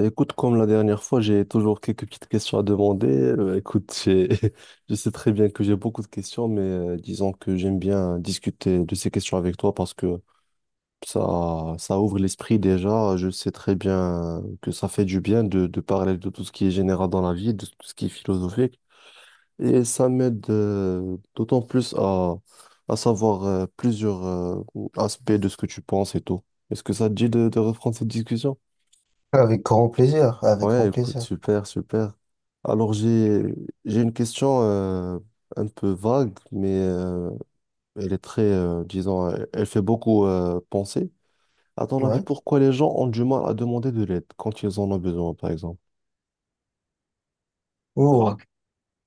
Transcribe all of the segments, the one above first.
Écoute, comme la dernière fois, j'ai toujours quelques petites questions à demander. Écoute, je sais très bien que j'ai beaucoup de questions, mais disons que j'aime bien discuter de ces questions avec toi parce que ça ouvre l'esprit déjà. Je sais très bien que ça fait du bien de parler de tout ce qui est général dans la vie, de tout ce qui est philosophique. Et ça m'aide d'autant plus à savoir plusieurs aspects de ce que tu penses et tout. Est-ce que ça te dit de reprendre cette discussion? Avec grand plaisir, avec grand Ouais, écoute, plaisir. super, super. Alors j'ai une question un peu vague, mais elle est très, disons, elle fait beaucoup penser. À ton avis, Ouais. pourquoi les gens ont du mal à demander de l'aide quand ils en ont besoin, par exemple? Oh. Ok.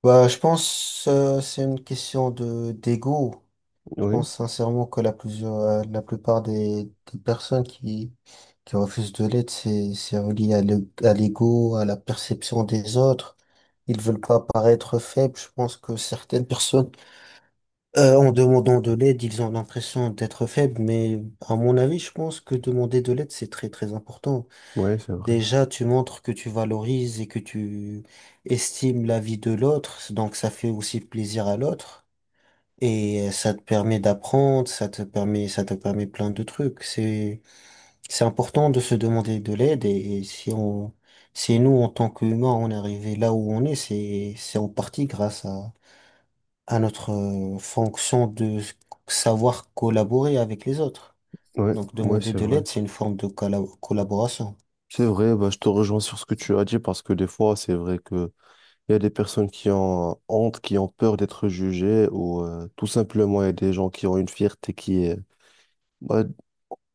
Je pense c'est une question de d'ego. Je Oui, pense sincèrement que la plupart des personnes qui refusent de l'aide, c'est relié à à l'ego, à la perception des autres. Ils veulent pas paraître faibles. Je pense que certaines personnes, en demandant de l'aide, ils ont l'impression d'être faibles. Mais à mon avis, je pense que demander de l'aide, c'est très très important. ouais, c'est vrai. Déjà, tu montres que tu valorises et que tu estimes la vie de l'autre, donc ça fait aussi plaisir à l'autre et ça te permet d'apprendre, ça te permet plein de trucs. C'est important de se demander de l'aide et si nous en tant qu'humains on est arrivé là où on est, c'est en partie grâce à notre fonction de savoir collaborer avec les autres. Ouais, Donc ouais, demander c'est de vrai. l'aide, c'est une forme de collaboration. C'est vrai, bah, je te rejoins sur ce que tu as dit parce que des fois, c'est vrai que il y a des personnes qui ont honte, qui ont peur d'être jugées ou tout simplement, il y a des gens qui ont une fierté qui est, bah,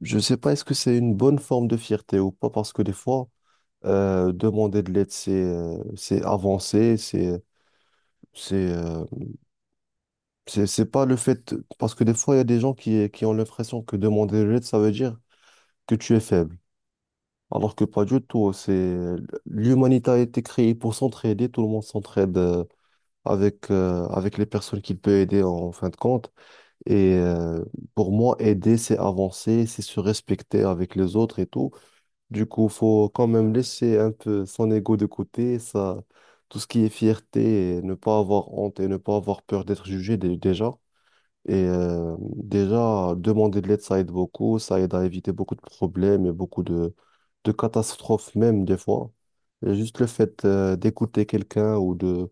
je sais pas, est-ce que c'est une bonne forme de fierté ou pas, parce que des fois, demander de l'aide, c'est avancer, c'est euh, c'est pas le fait, parce que des fois, il y a des gens qui ont l'impression que demander de l'aide, ça veut dire que tu es faible, alors que pas du tout. C'est l'humanité a été créée pour s'entraider, tout le monde s'entraide avec avec les personnes qu'il peut aider en fin de compte. Et pour moi, aider, c'est avancer, c'est se respecter avec les autres et tout. Du coup, faut quand même laisser un peu son ego de côté, ça, tout ce qui est fierté, et ne pas avoir honte et ne pas avoir peur d'être jugé déjà. Et déjà, demander de l'aide, ça aide beaucoup, ça aide à éviter beaucoup de problèmes et beaucoup de catastrophes même des fois. Et juste le fait d'écouter quelqu'un ou de,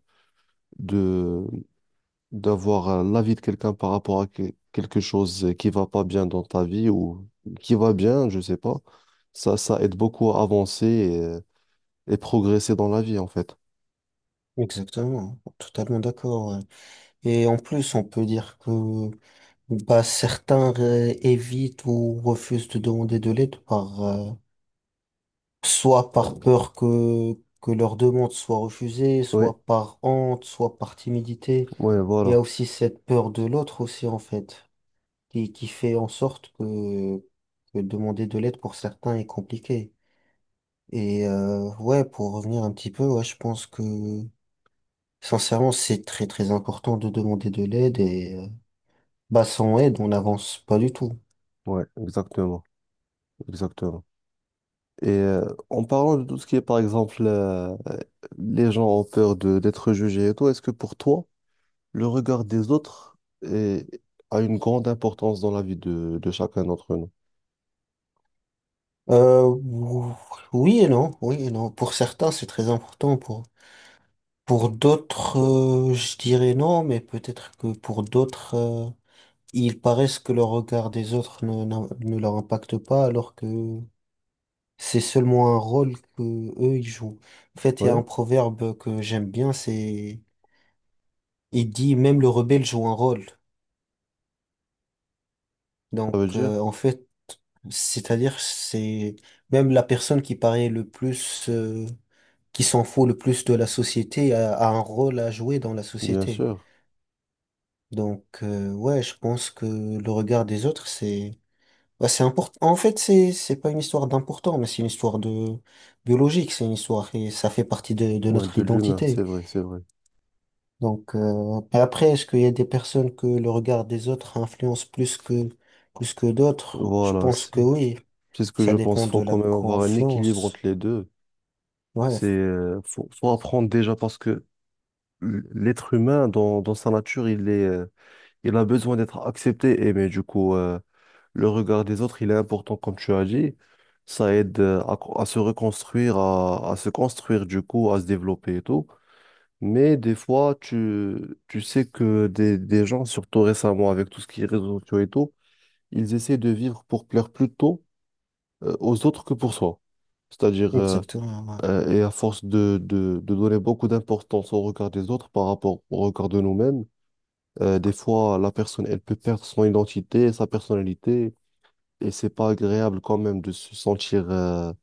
d'avoir l'avis de quelqu'un par rapport à quelque chose qui va pas bien dans ta vie ou qui va bien, je sais pas, ça aide beaucoup à avancer et progresser dans la vie, en fait. Exactement, totalement d'accord, ouais. Et en plus, on peut dire que certains évitent ou refusent de demander de l'aide par soit par peur que leur demande soit refusée, Oui, soit par honte, soit par timidité. ouais, Il y a voilà. aussi cette peur de l'autre aussi en fait, qui fait en sorte que demander de l'aide pour certains est compliqué. Et ouais, pour revenir un petit peu, ouais, je pense que sincèrement, c'est très très important de demander de l'aide et bah, sans aide, on n'avance pas du tout. Ouais, exactement, exactement. Et en parlant de tout ce qui est, par exemple, les gens ont peur de d'être jugés et tout, est-ce que pour toi, le regard des autres est- a une grande importance dans la vie de chacun d'entre nous? Euh, ou- oui et non, oui et non. Pour certains, c'est très important. Pour d'autres, je dirais non, mais peut-être que pour d'autres, ils paraissent que le regard des autres ne leur impacte pas, alors que c'est seulement un rôle que eux, ils jouent. En fait, il y a Oui, un proverbe que j'aime bien, c'est, il dit, même le rebelle joue un rôle. ça Donc, veut dire, en fait, c'est-à-dire, c'est même la personne qui paraît le plus, qui s'en fout le plus de la société a un rôle à jouer dans la bien société. sûr, Donc, ouais, je pense que le regard des autres, c'est ouais, c'est important. En fait, c'est pas une histoire d'important, mais c'est une histoire de biologique, c'est une histoire et ça fait partie de ouais, notre de l'humain, identité. c'est vrai, c'est vrai. Donc, et après, est-ce qu'il y a des personnes que le regard des autres influence plus que d'autres? Je Voilà, pense c'est que oui. Ce que Ça je pense. dépend Faut de la quand même avoir un équilibre entre confiance. les deux. Ouais, C'est faut, faut apprendre déjà parce que l'être humain dans, dans sa nature, il est il a besoin d'être accepté et mais du coup le regard des autres, il est important comme tu as dit. Ça aide à, à se reconstruire, à se construire du coup, à se développer et tout. Mais des fois, tu sais que des gens, surtout récemment avec tout ce qui est réseaux sociaux et tout, ils essaient de vivre pour plaire plutôt aux autres que pour soi. C'est-à-dire, exactement, ouais. Et à force de donner beaucoup d'importance au regard des autres par rapport au regard de nous-mêmes, des fois, la personne, elle peut perdre son identité, sa personnalité, et c'est pas agréable quand même de se sentir... euh,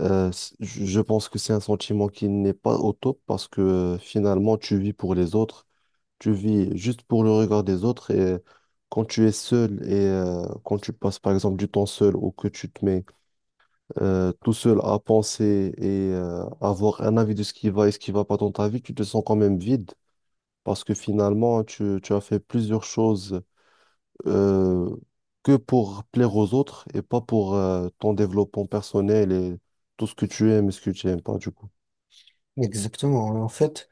euh, s- Je pense que c'est un sentiment qui n'est pas au top parce que finalement, tu vis pour les autres, tu vis juste pour le regard des autres, et quand tu es seul et quand tu passes, par exemple, du temps seul ou que tu te mets tout seul à penser et avoir un avis de ce qui va et ce qui va pas dans ta vie, tu te sens quand même vide parce que finalement, tu as fait plusieurs choses euh, que pour plaire aux autres et pas pour ton développement personnel et tout ce que tu aimes et ce que tu aimes pas, du coup. Exactement, en fait.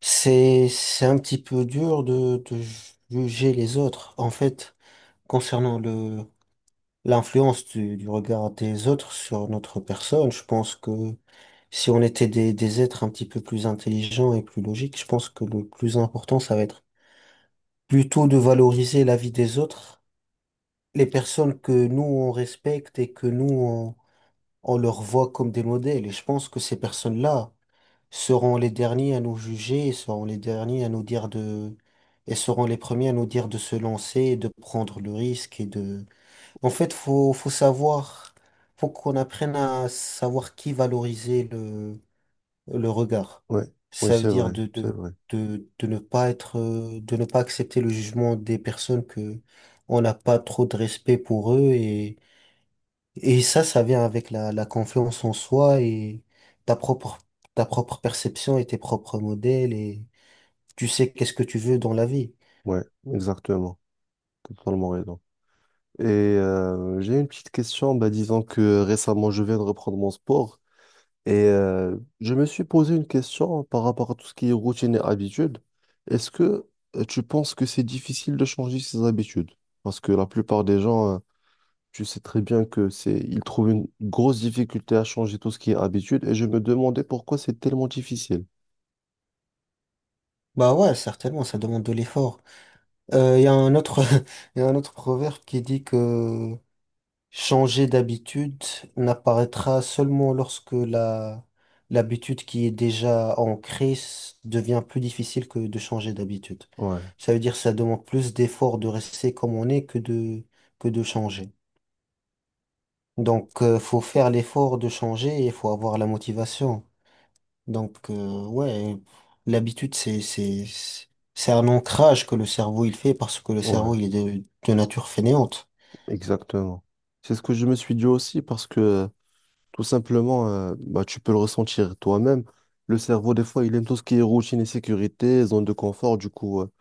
C'est un petit peu dur de juger les autres. En fait, concernant l'influence du regard des autres sur notre personne, je pense que si on était des êtres un petit peu plus intelligents et plus logiques, je pense que le plus important, ça va être plutôt de valoriser la vie des autres, les personnes que nous, on respecte et que nous, on leur voit comme des modèles. Et je pense que ces personnes-là seront les derniers à nous juger, et seront les premiers à nous dire de se lancer, et de prendre le risque en fait, faut savoir, faut qu'on apprenne à savoir qui valoriser le regard. Ouais, ouais, Ça veut c'est dire vrai, c'est vrai. De ne pas être, de ne pas accepter le jugement des personnes que on n'a pas trop de respect pour eux et ça vient avec la confiance en soi et ta propre, ta propre perception et tes propres modèles et tu sais qu'est-ce que tu veux dans la vie. Ouais, exactement. Totalement raison. Et j'ai une petite question, bah, disons que récemment je viens de reprendre mon sport et je me suis posé une question par rapport à tout ce qui est routine et habitude. Est-ce que tu penses que c'est difficile de changer ses habitudes? Parce que la plupart des gens tu sais très bien que c'est, ils trouvent une grosse difficulté à changer tout ce qui est habitude et je me demandais pourquoi c'est tellement difficile. Bah ouais, certainement, ça demande de l'effort. Il y a un autre, il y a un autre proverbe qui dit que changer d'habitude n'apparaîtra seulement lorsque l'habitude qui est déjà ancrée devient plus difficile que de changer d'habitude. Ouais, Ça veut dire que ça demande plus d'effort de rester comme on est que de changer. Donc, faut faire l'effort de changer et il faut avoir la motivation. Donc, ouais, l'habitude, c'est un ancrage que le cerveau, il fait parce que le ouais, cerveau, il est de nature fainéante. exactement. C'est ce que je me suis dit aussi parce que tout simplement, bah, tu peux le ressentir toi-même. Le cerveau, des fois, il aime tout ce qui est routine et sécurité, zone de confort. Du coup,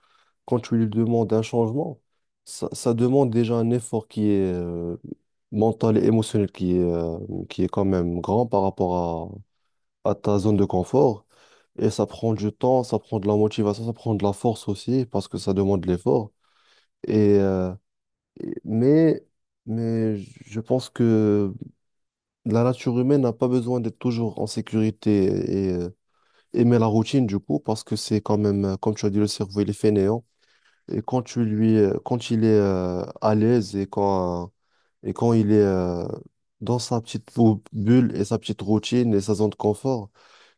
quand tu lui demandes un changement, ça demande déjà un effort qui est mental et émotionnel, qui est quand même grand par rapport à ta zone de confort. Et ça prend du temps, ça prend de la motivation, ça prend de la force aussi, parce que ça demande de l'effort. Et, euh, et- mais, mais je pense que la nature humaine n'a pas besoin d'être toujours en sécurité et aimer la routine du coup, parce que c'est quand même, comme tu as dit, le cerveau, il est fainéant. Et quand tu quand il est à l'aise et quand il est dans sa petite bulle et sa petite routine et sa zone de confort,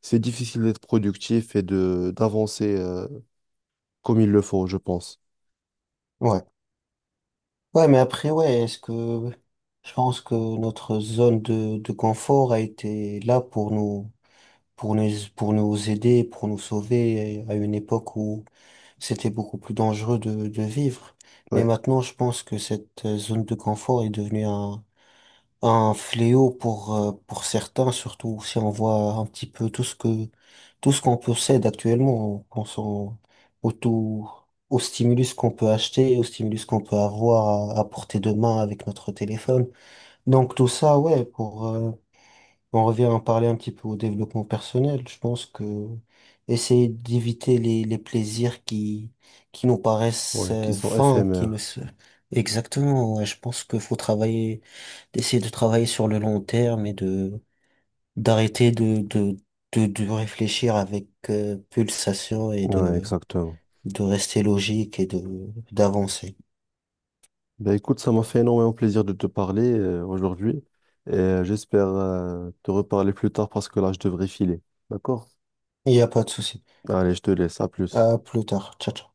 c'est difficile d'être productif et de d'avancer comme il le faut, je pense. Ouais. Ouais, mais après, je pense que notre zone de confort a été là pour nous, pour nous aider, pour nous sauver à une époque où c'était beaucoup plus dangereux de vivre. Mais Ouais, maintenant, je pense que cette zone de confort est devenue un fléau pour certains, surtout si on voit un petit peu tout ce qu'on possède actuellement, qu'on s'en, au tout, au stimulus qu'on peut acheter, au stimulus qu'on peut avoir à portée de main avec notre téléphone. Donc tout ça, ouais, pour, on revient à en parler un petit peu au développement personnel. Je pense que essayer d'éviter les plaisirs qui nous paraissent ouais, qui sont vains, qui ne éphémères. se, exactement, ouais, je pense qu'il faut travailler d'essayer de travailler sur le long terme et de d'arrêter de réfléchir avec pulsation et Ouais, exactement. de rester logique et de d'avancer. Ben écoute, ça m'a fait énormément plaisir de te parler aujourd'hui et j'espère te reparler plus tard parce que là, je devrais filer. D'accord? Il n'y a pas de souci. Allez, je te laisse. À plus. À plus tard. Ciao, ciao.